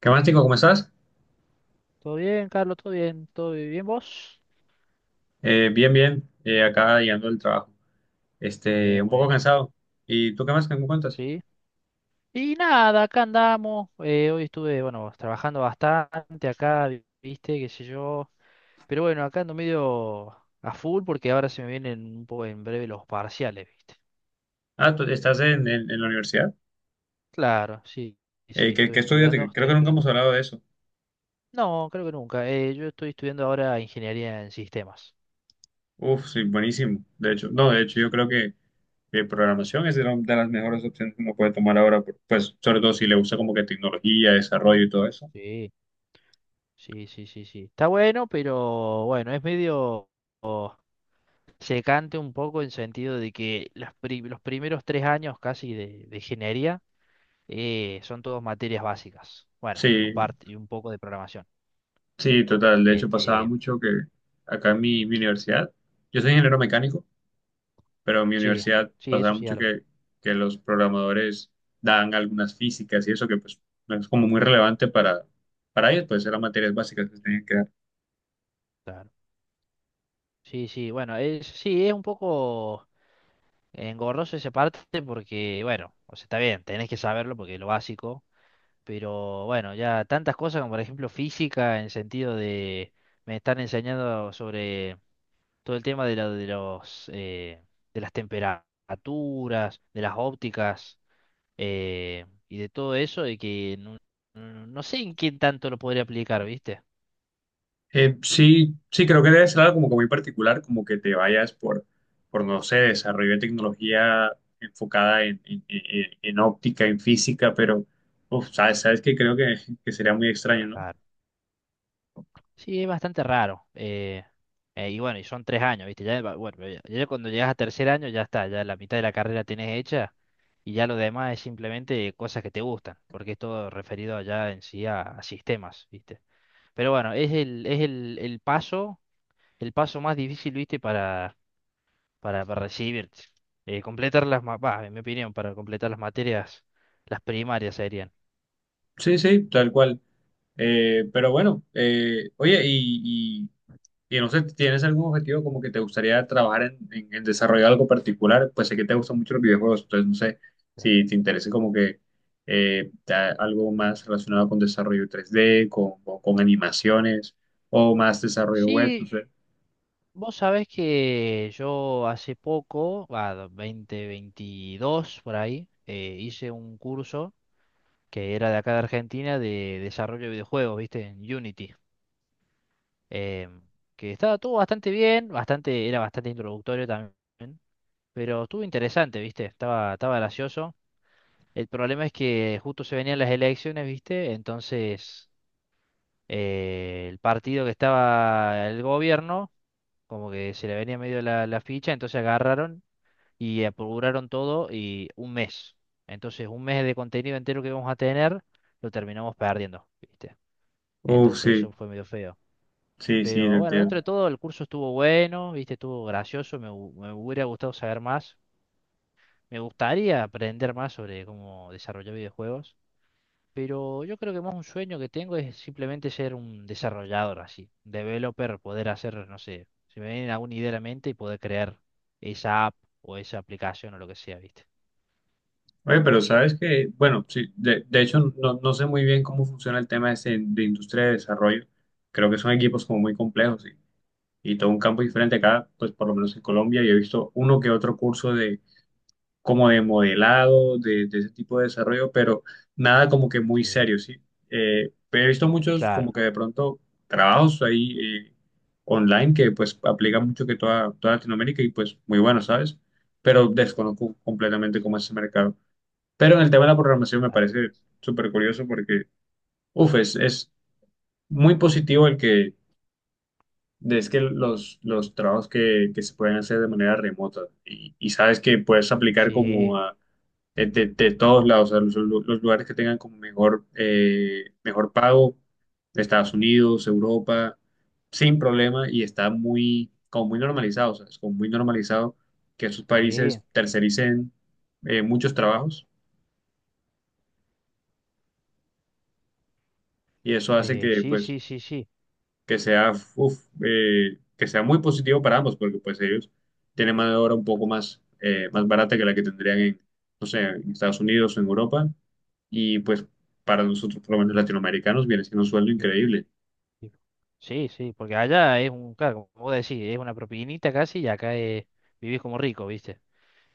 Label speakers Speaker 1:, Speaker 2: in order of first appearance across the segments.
Speaker 1: ¿Qué más, chico? ¿Cómo estás?
Speaker 2: Todo bien, Carlos, todo bien, ¿vos?
Speaker 1: Bien, bien. Acá llegando del trabajo. Este, un
Speaker 2: Muy
Speaker 1: poco
Speaker 2: bien,
Speaker 1: cansado. ¿Y tú qué más? ¿Qué me cuentas?
Speaker 2: sí. Y nada, acá andamos. Hoy estuve, bueno, trabajando bastante acá, viste, qué sé yo. Pero bueno, acá ando medio a full porque ahora se me vienen un poco en breve los parciales, viste.
Speaker 1: Ah, tú estás en la universidad.
Speaker 2: Claro, sí, sí, estoy
Speaker 1: Qué estudias?
Speaker 2: estudiando,
Speaker 1: Creo
Speaker 2: estoy
Speaker 1: que nunca
Speaker 2: estudiando.
Speaker 1: hemos hablado de eso.
Speaker 2: No, creo que nunca. Yo estoy estudiando ahora ingeniería en sistemas.
Speaker 1: Uf, sí, buenísimo. De hecho, no, de hecho, yo creo que programación es de las mejores opciones que uno puede tomar ahora. Pues, sobre todo si le gusta como que tecnología, desarrollo y todo eso.
Speaker 2: Sí, sí, sí, sí, sí. Está bueno, pero bueno, es medio secante un poco en sentido de que los primeros tres años casi de ingeniería son todos materias básicas. Bueno, y
Speaker 1: Sí,
Speaker 2: y un poco de programación.
Speaker 1: sí, total. De hecho,
Speaker 2: Eh,
Speaker 1: pasaba
Speaker 2: eh,
Speaker 1: mucho que acá en mi universidad, yo soy ingeniero mecánico. Pero en mi
Speaker 2: sí,
Speaker 1: universidad
Speaker 2: sí,
Speaker 1: pasaba
Speaker 2: eso sí
Speaker 1: mucho
Speaker 2: algo.
Speaker 1: que los programadores daban algunas físicas y eso que pues no es como muy relevante para ellos, pues eran materias básicas que se tenían que dar.
Speaker 2: Claro. Sí, sí, bueno, es, sí, es un poco engorroso esa parte porque, bueno, o sea, está bien, tenés que saberlo porque es lo básico, pero bueno, ya tantas cosas como por ejemplo física en sentido de me están enseñando sobre todo el tema de, de los de las temperaturas, de las ópticas, y de todo eso, y que no sé en quién tanto lo podría aplicar, ¿viste?
Speaker 1: Sí, sí, creo que debe ser algo como que muy particular, como que te vayas por no sé, desarrollo de tecnología enfocada en óptica, en física, pero uf, sabes, sabes que creo que sería muy extraño, ¿no?
Speaker 2: Claro. Sí, es bastante raro. Y bueno, y son tres años, ¿viste? Ya, bueno, ya cuando llegas a tercer año ya está, ya la mitad de la carrera tenés hecha y ya lo demás es simplemente cosas que te gustan, porque es todo referido allá en sí a sistemas, ¿viste? Pero bueno, el paso más difícil, ¿viste? Para recibir. Completar las, bah, en mi opinión, para completar las materias, las primarias serían.
Speaker 1: Sí, sí, tal cual. Pero bueno, oye, y no sé, ¿tienes algún objetivo como que te gustaría trabajar en desarrollar algo particular? Pues sé que te gustan mucho los videojuegos, entonces no sé
Speaker 2: Claro.
Speaker 1: si te interesa como que algo más relacionado con desarrollo 3D, con animaciones o más desarrollo web, no
Speaker 2: Sí,
Speaker 1: sé.
Speaker 2: vos sabés que yo hace poco, va, 2022 por ahí, hice un curso que era de acá de Argentina de desarrollo de videojuegos, ¿viste? En Unity. eh, que estaba todo bastante bien, bastante, era bastante introductorio también, pero estuvo interesante, ¿viste? Estaba, estaba gracioso. El problema es que justo se venían las elecciones, ¿viste? Entonces, el partido que estaba el gobierno, como que se le venía medio la, la ficha, entonces agarraron y apuraron todo y un mes. Entonces, un mes de contenido entero que íbamos a tener, lo terminamos perdiendo, ¿viste?
Speaker 1: Uf, sí,
Speaker 2: Entonces, eso fue medio feo.
Speaker 1: sí, sí, lo
Speaker 2: Pero bueno, dentro
Speaker 1: entiendo.
Speaker 2: de todo, el curso estuvo bueno, ¿viste? Estuvo gracioso, me hubiera gustado saber más. Me gustaría aprender más sobre cómo desarrollar videojuegos. Pero yo creo que más un sueño que tengo es simplemente ser un desarrollador así, un developer, poder hacer, no sé, si me viene alguna idea a la mente y poder crear esa app o esa aplicación o lo que sea, ¿viste?
Speaker 1: Oye, pero sabes que, bueno, sí, de hecho no, no sé muy bien cómo funciona el tema ese de industria de desarrollo. Creo que son equipos como muy complejos y todo un campo diferente acá, pues por lo menos en Colombia, yo he visto uno que otro curso de como de modelado, de ese tipo de desarrollo, pero nada como que muy
Speaker 2: Sí,
Speaker 1: serio, ¿sí? Pero he visto muchos como
Speaker 2: claro,
Speaker 1: que de pronto trabajos ahí eh, online que pues aplican mucho que toda Latinoamérica y pues muy bueno, ¿sabes? Pero desconozco completamente cómo es ese mercado. Pero en el tema de la programación me
Speaker 2: claro.
Speaker 1: parece súper curioso porque, uff, es muy positivo el que Es que los trabajos que se pueden hacer de manera remota y sabes que puedes aplicar como
Speaker 2: Sí,
Speaker 1: a, de todos lados, o sea, los lugares que tengan como mejor, mejor pago, Estados Unidos, Europa, sin problema y está muy, como muy normalizado, o sea, es como muy normalizado que esos
Speaker 2: sí,
Speaker 1: países tercericen muchos trabajos y eso hace que
Speaker 2: sí,
Speaker 1: pues
Speaker 2: sí, sí, sí.
Speaker 1: que sea, uf, que sea muy positivo para ambos, porque pues ellos tienen mano de obra un poco más, más barata que la que tendrían en, no sé, en Estados Unidos o en Europa, y pues para nosotros, por lo menos latinoamericanos, viene siendo un sueldo
Speaker 2: Sí,
Speaker 1: increíble.
Speaker 2: sí, sí, sí, porque allá es un, claro, como vos decís, es una propinita casi y acá es, vivís como rico, ¿viste?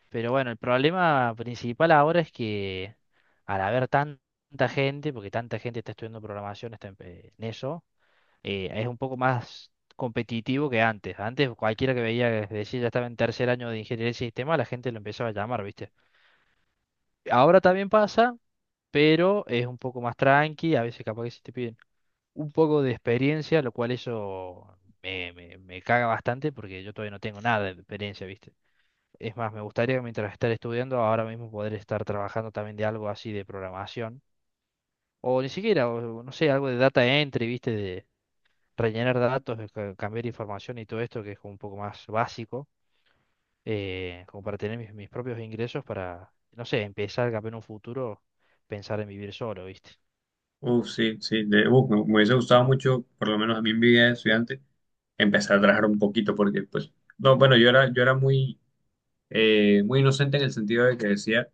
Speaker 2: Pero bueno, el problema principal ahora es que al haber tanta gente, porque tanta gente está estudiando programación, está en eso, es un poco más competitivo que antes. Antes cualquiera que veía que decía ya estaba en tercer año de ingeniería de sistema, la gente lo empezaba a llamar, ¿viste? Ahora también pasa, pero es un poco más tranqui, a veces capaz que se te piden un poco de experiencia, lo cual eso me caga bastante porque yo todavía no tengo nada de experiencia, ¿viste? Es más, me gustaría que mientras estar estudiando, ahora mismo poder estar trabajando también de algo así de programación. O ni siquiera, o, no sé, algo de data entry, viste, de rellenar datos, de cambiar información y todo esto, que es como un poco más básico, como para tener mis, mis propios ingresos para, no sé, empezar capaz en un futuro, pensar en vivir solo, viste.
Speaker 1: Uf, sí, sí, uf, me hubiese gustado mucho, por lo menos a mí en mi vida de estudiante, empezar a trabajar un poquito, porque pues, no, bueno, yo era muy, muy inocente en el sentido de que decía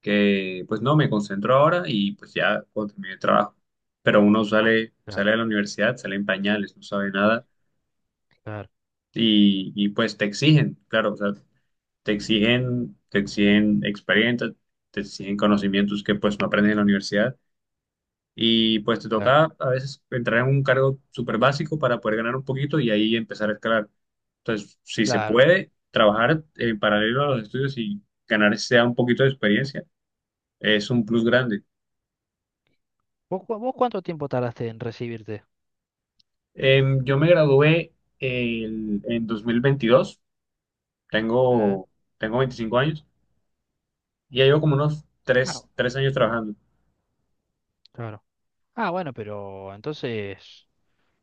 Speaker 1: que pues no, me concentro ahora y pues ya cuando termine el trabajo. Pero uno sale,
Speaker 2: Claro,
Speaker 1: sale de la universidad, sale en pañales, no sabe nada
Speaker 2: claro,
Speaker 1: y, y pues te exigen, claro, o sea, te exigen experiencia, te exigen conocimientos que pues no aprendes en la universidad y pues te
Speaker 2: claro.
Speaker 1: toca a veces entrar en un cargo súper básico para poder ganar un poquito y ahí empezar a escalar. Entonces, si se
Speaker 2: Claro.
Speaker 1: puede trabajar en paralelo a los estudios y ganar sea un poquito de experiencia, es un plus grande.
Speaker 2: ¿Vos, vos cuánto tiempo tardaste en recibirte?
Speaker 1: Yo me gradué en 2022
Speaker 2: Ah,
Speaker 1: tengo, tengo 25 años y ya llevo como unos
Speaker 2: ah,
Speaker 1: tres años trabajando.
Speaker 2: claro. Ah, bueno, pero entonces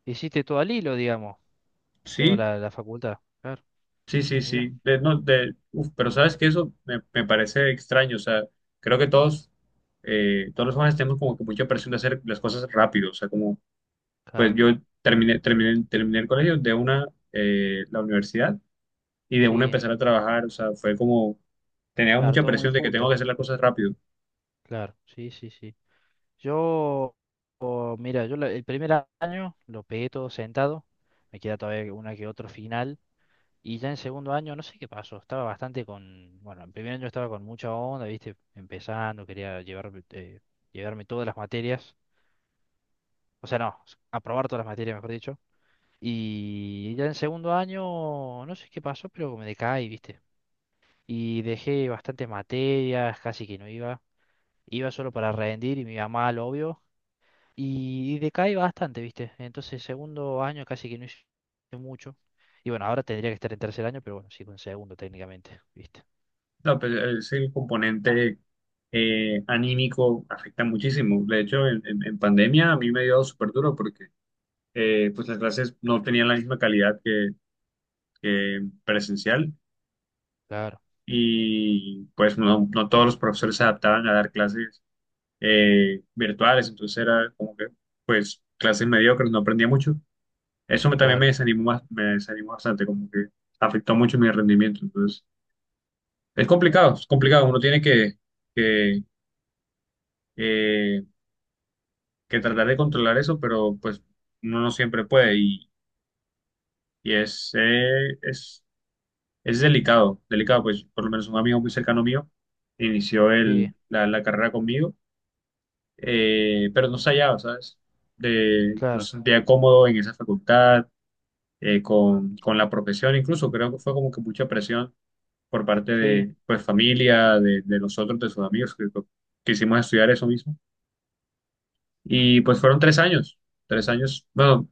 Speaker 2: hiciste todo al hilo, digamos. Toda
Speaker 1: Sí,
Speaker 2: la, la facultad. Claro,
Speaker 1: sí, sí,
Speaker 2: mira.
Speaker 1: sí. De- no, de- Uf, pero sabes que eso me, me parece extraño, o sea, creo que todos, todos los jóvenes tenemos como que mucha presión de hacer las cosas rápido, o sea, como, pues
Speaker 2: Claro,
Speaker 1: yo terminé el colegio de una, la universidad y de una
Speaker 2: sí.
Speaker 1: empezar a trabajar, o sea, fue como, tenía
Speaker 2: Claro,
Speaker 1: mucha
Speaker 2: todo muy
Speaker 1: presión de que tengo
Speaker 2: junto.
Speaker 1: que hacer las cosas rápido.
Speaker 2: Claro, sí, sí, sí. Yo, mira, yo el año lo pegué todo sentado. Me queda todavía una que otro final. Y ya en segundo año, no sé qué pasó. Estaba bastante con. Bueno, en primer año estaba con mucha onda, ¿viste? Empezando, quería llevarme todas las materias. O sea, no, aprobar todas las materias, mejor dicho. Y ya en segundo año, no sé qué pasó, pero me decaí, ¿viste? Y dejé bastantes materias, casi que no iba. Iba solo para rendir y me iba mal, obvio. Y decaí bastante, ¿viste? Entonces, segundo año casi que no hice mucho. Y bueno, ahora tendría que estar en tercer año, pero bueno, sigo en segundo técnicamente, ¿viste?
Speaker 1: No, pues, es el componente anímico afecta muchísimo. De hecho, en pandemia a mí me dio súper duro porque pues las clases no tenían la misma calidad que presencial
Speaker 2: Claro,
Speaker 1: y pues no, no todos los profesores se adaptaban a dar clases virtuales, entonces era como que pues clases mediocres, no aprendía mucho. También me
Speaker 2: claro,
Speaker 1: desanimó, me desanimó bastante, como que afectó mucho mi rendimiento. Entonces, es complicado, es complicado. Uno tiene que eh, que tratar de controlar eso, pero pues uno no siempre puede y es delicado, delicado, pues por lo menos un amigo muy cercano mío inició
Speaker 2: sí,
Speaker 1: la carrera conmigo, pero no se hallaba, ¿sabes? De, no
Speaker 2: claro,
Speaker 1: se sentía cómodo en esa facultad, con la profesión, incluso creo que fue como que mucha presión por parte
Speaker 2: sí,
Speaker 1: de pues familia, de nosotros, de sus amigos que quisimos estudiar eso mismo. Y pues fueron 3 años, 3 años, bueno,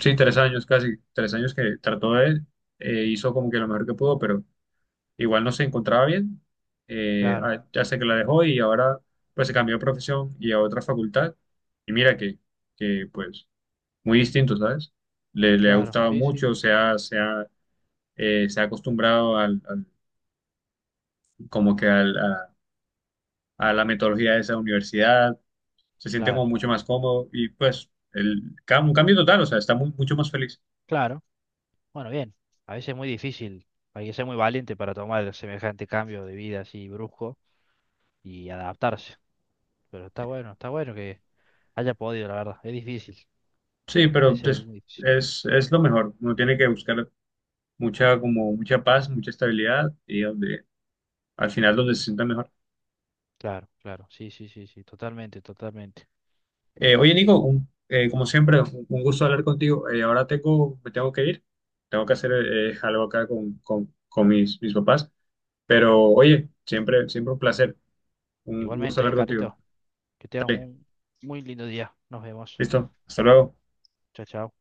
Speaker 1: sí, tres años casi, 3 años que trató de, hizo como que lo mejor que pudo, pero igual no se encontraba bien.
Speaker 2: claro,
Speaker 1: Ya sé que la dejó y ahora pues se cambió de profesión y a otra facultad. Y mira que pues muy distinto, ¿sabes? Le ha
Speaker 2: claro,
Speaker 1: gustado
Speaker 2: sí, sí,
Speaker 1: mucho, se ha acostumbrado como que a la metodología de esa universidad, se siente como
Speaker 2: claro,
Speaker 1: mucho más cómodo y pues un cambio total, o sea, está mucho más feliz.
Speaker 2: claro. Bueno, bien, a veces es muy difícil, hay que ser muy valiente para tomar semejante cambio de vida así brusco y adaptarse. Pero está bueno que haya podido, la verdad, es difícil.
Speaker 1: Sí, pero
Speaker 2: Ese
Speaker 1: pues,
Speaker 2: Witch.
Speaker 1: es lo mejor. Uno tiene que buscar mucha, como mucha paz, mucha estabilidad y donde, al final donde se sienta mejor.
Speaker 2: Claro, claro. Sí, sí, sí, sí. Totalmente, totalmente.
Speaker 1: Oye, Nico, como siempre, un gusto hablar contigo. Ahora tengo, me tengo que ir. Tengo que hacer algo acá con mis, mis papás. Pero oye, siempre, siempre un placer. Un gusto
Speaker 2: Igualmente,
Speaker 1: hablar contigo.
Speaker 2: Carlito. Que tengas
Speaker 1: Dale,
Speaker 2: un muy lindo día. Nos vemos.
Speaker 1: listo. Hasta luego.
Speaker 2: Chao, chao.